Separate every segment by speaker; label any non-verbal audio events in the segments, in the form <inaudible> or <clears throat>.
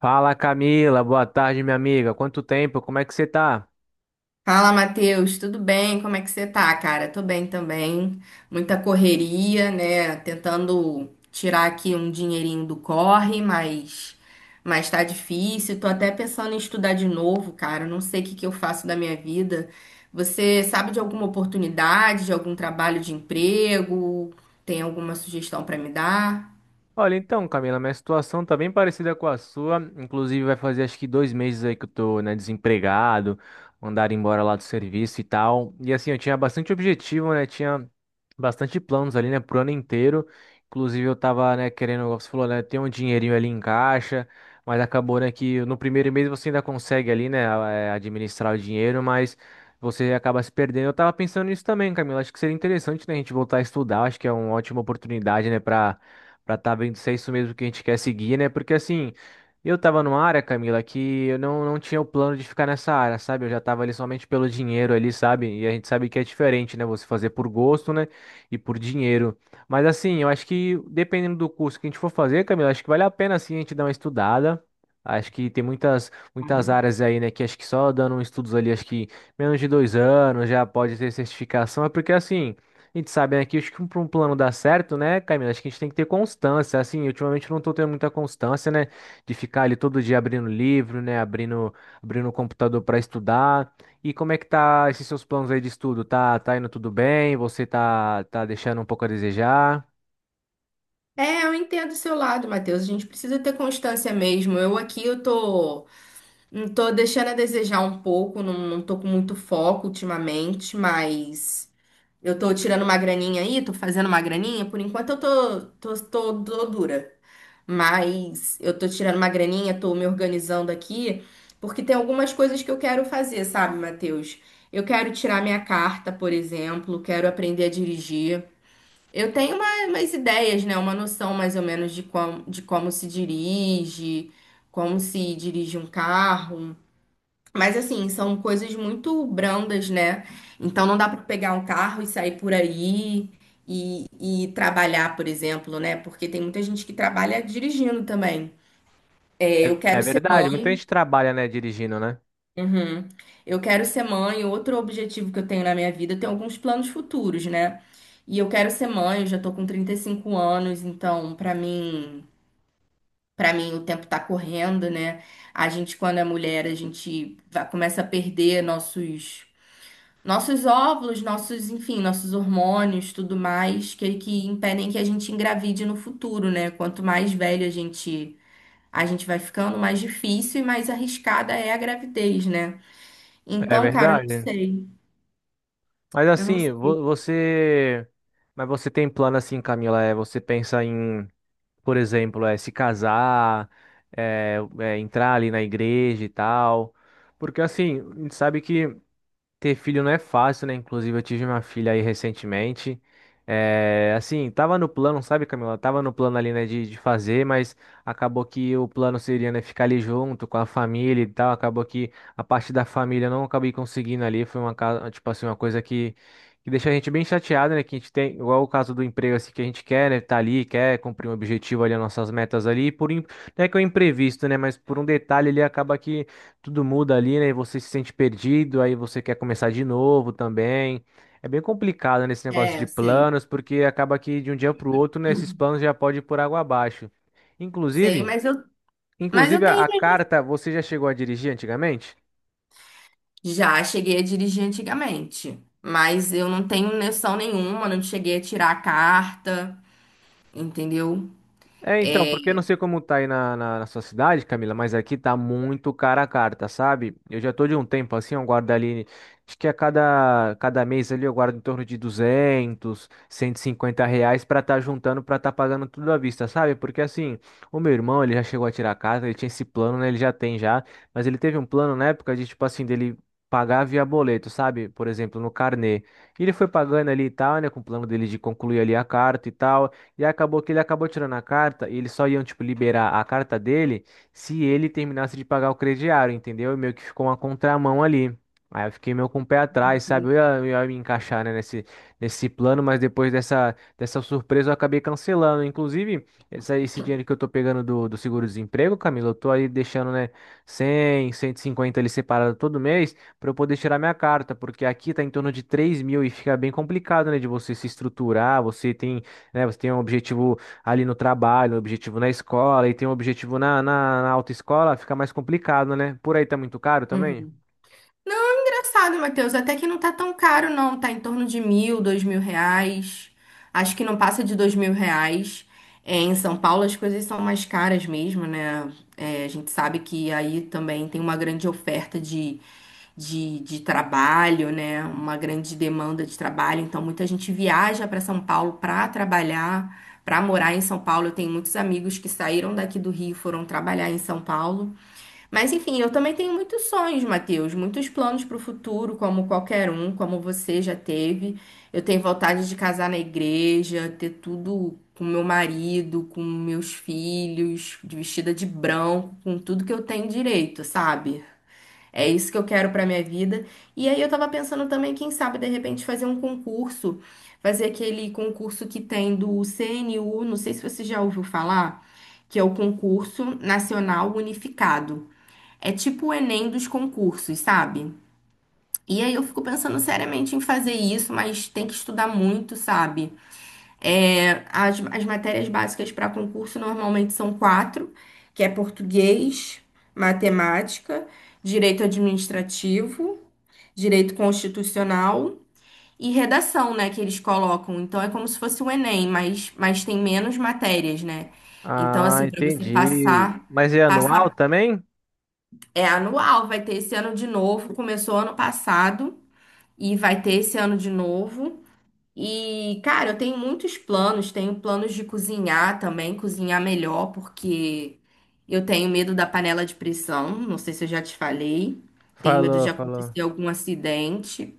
Speaker 1: Fala Camila, boa tarde minha amiga. Quanto tempo? Como é que você tá?
Speaker 2: Fala, Matheus, tudo bem? Como é que você tá, cara? Tô bem também. Muita correria, né? Tentando tirar aqui um dinheirinho do corre, mas tá difícil. Tô até pensando em estudar de novo, cara. Não sei o que que eu faço da minha vida. Você sabe de alguma oportunidade, de algum trabalho de emprego? Tem alguma sugestão pra me dar?
Speaker 1: Olha, então, Camila, minha situação tá bem parecida com a sua. Inclusive, vai fazer acho que dois meses aí que eu tô, né, desempregado, mandaram embora lá do serviço e tal. E assim, eu tinha bastante objetivo, né? Tinha bastante planos ali, né, pro ano inteiro. Inclusive, eu tava, né, querendo, como você falou, né, ter um dinheirinho ali em caixa, mas acabou, né, que no primeiro mês você ainda consegue ali, né, administrar o dinheiro, mas você acaba se perdendo. Eu tava pensando nisso também, Camila. Acho que seria interessante, né, a gente voltar a estudar. Acho que é uma ótima oportunidade, né, para estar vendo se é isso mesmo que a gente quer seguir, né? Porque assim, eu tava numa área, Camila, que eu não tinha o plano de ficar nessa área, sabe? Eu já tava ali somente pelo dinheiro ali, sabe? E a gente sabe que é diferente, né? Você fazer por gosto, né? E por dinheiro. Mas assim, eu acho que dependendo do curso que a gente for fazer, Camila, acho que vale a pena assim a gente dar uma estudada. Acho que tem muitas, muitas áreas aí, né? Que acho que só dando estudos ali, acho que menos de dois anos já pode ter certificação. É porque assim. A gente sabe, né, que acho que para um plano dar certo, né, Camila, acho que a gente tem que ter constância, assim, ultimamente eu não tô tendo muita constância, né, de ficar ali todo dia abrindo livro, né, abrindo, abrindo o computador para estudar. E como é que tá esses seus planos aí de estudo? Tá indo tudo bem? Você tá deixando um pouco a desejar?
Speaker 2: É, eu entendo o seu lado, Matheus. A gente precisa ter constância mesmo. Eu aqui, eu tô Não tô deixando a desejar um pouco, não, não tô com muito foco ultimamente, mas eu tô tirando uma graninha aí, tô fazendo uma graninha. Por enquanto eu tô dura, mas eu tô tirando uma graninha, tô me organizando aqui, porque tem algumas coisas que eu quero fazer, sabe, Matheus? Eu quero tirar minha carta, por exemplo, quero aprender a dirigir. Eu tenho umas ideias, né? Uma noção mais ou menos de como se dirige um carro. Mas assim, são coisas muito brandas, né? Então não dá para pegar um carro e sair por aí e, e trabalhar, por exemplo, né? Porque tem muita gente que trabalha dirigindo também. É, eu
Speaker 1: É, é
Speaker 2: quero ser
Speaker 1: verdade, muita
Speaker 2: mãe.
Speaker 1: gente trabalha, né, dirigindo, né?
Speaker 2: Uhum. Eu quero ser mãe. Outro objetivo que eu tenho na minha vida, eu tenho alguns planos futuros, né? E eu quero ser mãe, eu já tô com 35 anos, então para mim o tempo tá correndo, né? A gente quando é mulher, começa a perder nossos óvulos, nossos, enfim, nossos hormônios, tudo mais, que impedem que a gente engravide no futuro, né? Quanto mais velho a gente vai ficando, mais difícil e mais arriscada é a gravidez, né?
Speaker 1: É
Speaker 2: Então, cara, eu não
Speaker 1: verdade.
Speaker 2: sei.
Speaker 1: Mas
Speaker 2: Eu não
Speaker 1: assim,
Speaker 2: sei.
Speaker 1: mas você tem plano assim, Camila, é você pensa em por exemplo, é se casar, entrar ali na igreja e tal. Porque assim, a gente sabe que ter filho não é fácil, né? Inclusive, eu tive uma filha aí recentemente. É, assim, tava no plano, sabe, Camila? Tava no plano ali, né, de fazer, mas acabou que o plano seria, né, ficar ali junto com a família e tal. Acabou que a parte da família eu não acabei conseguindo ali. Foi uma, tipo assim, uma coisa que deixa a gente bem chateado, né? Que a gente tem, igual o caso do emprego, assim, que a gente quer, né, tá ali, quer cumprir um objetivo ali, as nossas metas ali. Não é que é um imprevisto, né, mas por um detalhe ele acaba que tudo muda ali, né? E você se sente perdido, aí você quer começar de novo também. É bem complicado nesse negócio
Speaker 2: É,
Speaker 1: de
Speaker 2: eu sei.
Speaker 1: planos, porque acaba que de um dia para o outro, né, esses
Speaker 2: <clears throat>
Speaker 1: planos já podem ir por água abaixo.
Speaker 2: Sei,
Speaker 1: Inclusive,
Speaker 2: mas eu
Speaker 1: inclusive, a,
Speaker 2: tenho.
Speaker 1: a carta, você já chegou a dirigir antigamente?
Speaker 2: Já cheguei a dirigir antigamente, mas eu não tenho noção nenhuma, não cheguei a tirar a carta, entendeu?
Speaker 1: É, então,
Speaker 2: É.
Speaker 1: porque eu não sei como tá aí na sua cidade, Camila, mas aqui tá muito cara a carta, sabe? Eu já tô de um tempo assim, eu guardo ali, acho que a cada mês ali eu guardo em torno de R$ 150 a R$ 250 pra tá juntando, pra tá pagando tudo à vista, sabe? Porque assim, o meu irmão, ele já chegou a tirar a carta, ele tinha esse plano, né? Ele já tem já, mas ele teve um plano na época de, tipo assim, dele pagar via boleto, sabe? Por exemplo, no carnê. E ele foi pagando ali e tal, né? Com o plano dele de concluir ali a carta e tal. E acabou que ele acabou tirando a carta e eles só iam, tipo, liberar a carta dele se ele terminasse de pagar o crediário, entendeu? E meio que ficou uma contramão ali. Aí eu fiquei meio com o pé atrás, sabe? Eu ia me encaixar, né, nesse plano, mas depois dessa surpresa eu acabei cancelando. Inclusive, esse, dinheiro que eu tô pegando do seguro-desemprego, Camila, eu tô aí deixando, né, 100 a 150 ali separado todo mês para eu poder tirar minha carta, porque aqui tá em torno de 3.000 e fica bem complicado, né, de você se estruturar, você tem né? Você tem um objetivo ali no trabalho, um objetivo na escola e tem um objetivo na autoescola, fica mais complicado, né? Por aí tá muito caro também?
Speaker 2: Não, é engraçado, Matheus. Até que não tá tão caro, não. Tá em torno de mil, dois mil reais. Acho que não passa de dois mil reais. É, em São Paulo as coisas são mais caras mesmo, né? É, a gente sabe que aí também tem uma grande oferta de, de trabalho, né? Uma grande demanda de trabalho. Então muita gente viaja para São Paulo para trabalhar, para morar em São Paulo. Eu tenho muitos amigos que saíram daqui do Rio e foram trabalhar em São Paulo. Mas enfim, eu também tenho muitos sonhos, Matheus, muitos planos para o futuro, como qualquer um, como você já teve. Eu tenho vontade de casar na igreja, ter tudo com meu marido, com meus filhos, de vestida de branco, com tudo que eu tenho direito, sabe? É isso que eu quero para minha vida. E aí eu tava pensando também, quem sabe, de repente, fazer um concurso, fazer aquele concurso que tem do CNU, não sei se você já ouviu falar, que é o Concurso Nacional Unificado. É tipo o Enem dos concursos, sabe? E aí eu fico pensando seriamente em fazer isso, mas tem que estudar muito, sabe? É, as matérias básicas para concurso normalmente são quatro, que é português, matemática, direito administrativo, direito constitucional e redação, né, que eles colocam. Então é como se fosse o Enem, mas tem menos matérias, né? Então,
Speaker 1: Ah,
Speaker 2: assim, para você
Speaker 1: entendi.
Speaker 2: passar,
Speaker 1: Mas é anual
Speaker 2: passar
Speaker 1: também?
Speaker 2: é anual, vai ter esse ano de novo. Começou ano passado e vai ter esse ano de novo. E, cara, eu tenho muitos planos. Tenho planos de cozinhar também, cozinhar melhor, porque eu tenho medo da panela de pressão. Não sei se eu já te falei. Tenho medo
Speaker 1: Falou,
Speaker 2: de
Speaker 1: falou.
Speaker 2: acontecer algum acidente.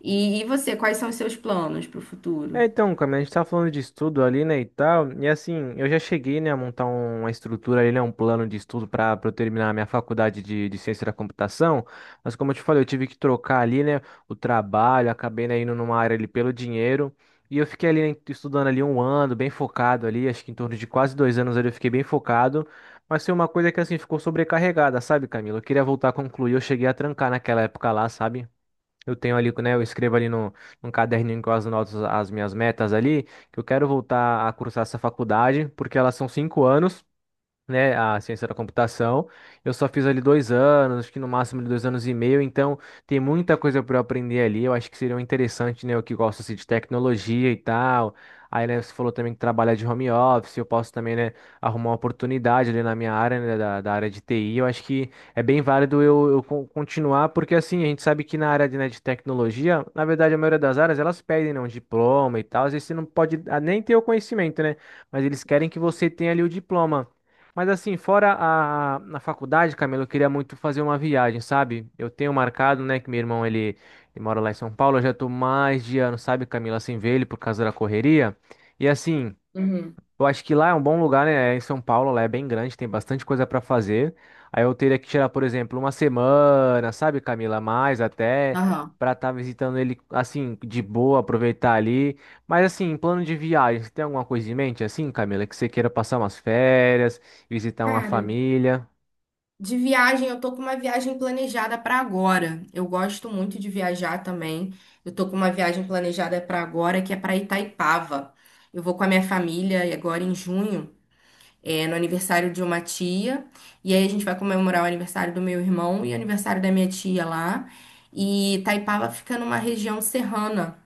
Speaker 2: E você, quais são os seus planos para o futuro?
Speaker 1: É, então, Camila, a gente tá falando de estudo ali, né, e tal, e assim, eu já cheguei, né, a montar uma estrutura ali, né, um plano de estudo para eu terminar a minha faculdade de ciência da computação, mas como eu te falei, eu tive que trocar ali, né, o trabalho, acabei, né, indo numa área ali pelo dinheiro, e eu fiquei ali, né, estudando ali um ano, bem focado ali, acho que em torno de quase dois anos ali eu fiquei bem focado, mas foi uma coisa que, assim, ficou sobrecarregada, sabe, Camila? Eu queria voltar a concluir, eu cheguei a trancar naquela época lá, sabe? Eu tenho ali, né? Eu escrevo ali no, num caderninho com as notas, as minhas metas ali, que eu quero voltar a cursar essa faculdade, porque elas são 5 anos né, a ciência da computação. Eu só fiz ali dois anos, acho que no máximo de dois anos e meio, então tem muita coisa para eu aprender ali. Eu acho que seria um interessante, né, eu que gosto assim, de tecnologia e tal. Aí, né, você falou também que trabalha de home office, eu posso também, né, arrumar uma oportunidade ali na minha área, né, da área de TI. Eu acho que é bem válido eu, continuar, porque assim, a gente sabe que na área de, né, de tecnologia, na verdade, a maioria das áreas, elas pedem, né, um diploma e tal. Às vezes você não pode nem ter o conhecimento, né, mas eles querem que você tenha ali o diploma. Mas assim, fora a, na faculdade, Camilo, eu queria muito fazer uma viagem, sabe? Eu tenho marcado, né, que meu irmão, ele mora lá em São Paulo, eu já tô mais de ano, sabe, Camilo, sem ver ele por causa da correria. E assim,
Speaker 2: Uhum.
Speaker 1: eu acho que lá é um bom lugar, né? É em São Paulo, lá é bem grande, tem bastante coisa para fazer. Aí eu teria que tirar, por exemplo, uma semana, sabe, Camila, mais até
Speaker 2: Aham.
Speaker 1: para estar visitando ele assim de boa, aproveitar ali. Mas assim, plano de viagem, você tem alguma coisa em mente assim, Camila, que você queira passar umas férias, visitar uma
Speaker 2: Cara,
Speaker 1: família?
Speaker 2: de viagem, eu tô com uma viagem planejada para agora. Eu gosto muito de viajar também. Eu tô com uma viagem planejada para agora, que é para Itaipava. Eu vou com a minha família e agora em junho, é, no aniversário de uma tia. E aí a gente vai comemorar o aniversário do meu irmão e o aniversário da minha tia lá. E Itaipava fica numa região serrana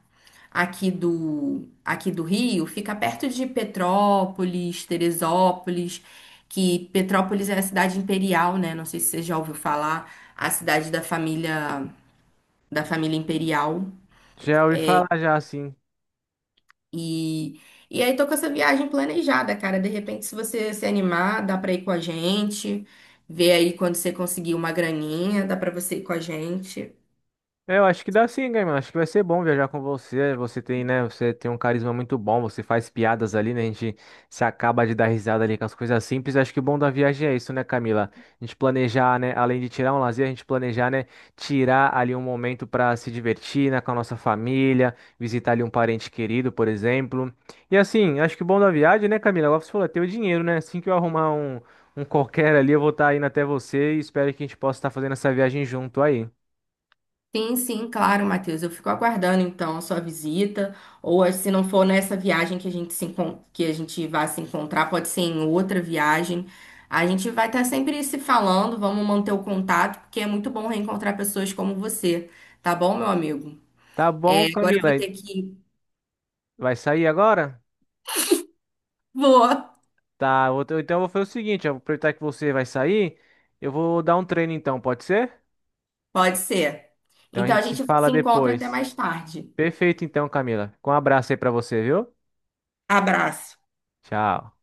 Speaker 2: aqui do Rio, fica perto de Petrópolis, Teresópolis, que Petrópolis é a cidade imperial, né? Não sei se você já ouviu falar, a cidade da família imperial.
Speaker 1: Já ouvi falar já assim.
Speaker 2: E, e aí tô com essa viagem planejada, cara. De repente, se você se animar, dá pra ir com a gente. Ver aí quando você conseguir uma graninha, dá pra você ir com a gente.
Speaker 1: É, eu acho que dá sim, Gaiman. Acho que vai ser bom viajar com você. Você tem, né? Você tem um carisma muito bom. Você faz piadas ali, né? A gente se acaba de dar risada ali com as coisas simples. Acho que o bom da viagem é isso, né, Camila? A gente planejar, né? Além de tirar um lazer, a gente planejar, né? Tirar ali um momento para se divertir, né? Com a nossa família, visitar ali um parente querido, por exemplo. E assim, acho que o bom da viagem, né, Camila? Agora você falou, é ter o dinheiro, né? Assim que eu arrumar um, um qualquer ali, eu vou estar indo até você e espero que a gente possa estar fazendo essa viagem junto aí.
Speaker 2: Sim, sim, claro, Matheus. Eu fico aguardando então a sua visita. Ou se não for nessa viagem que a gente se encon- que a gente vai se encontrar, pode ser em outra viagem. A gente vai estar sempre se falando, vamos manter o contato, porque é muito bom reencontrar pessoas como você, tá bom, meu amigo?
Speaker 1: Tá bom,
Speaker 2: É, agora eu
Speaker 1: Camila.
Speaker 2: vou ter que ir.
Speaker 1: Vai sair agora?
Speaker 2: Vou,
Speaker 1: Tá, então eu vou fazer o seguinte, eu vou aproveitar que você vai sair, eu vou dar um treino então, pode ser?
Speaker 2: pode ser.
Speaker 1: Então a
Speaker 2: Então a
Speaker 1: gente se
Speaker 2: gente
Speaker 1: fala
Speaker 2: se encontra até
Speaker 1: depois.
Speaker 2: mais tarde.
Speaker 1: Perfeito então, Camila. Com um abraço aí pra você, viu?
Speaker 2: Abraço.
Speaker 1: Tchau.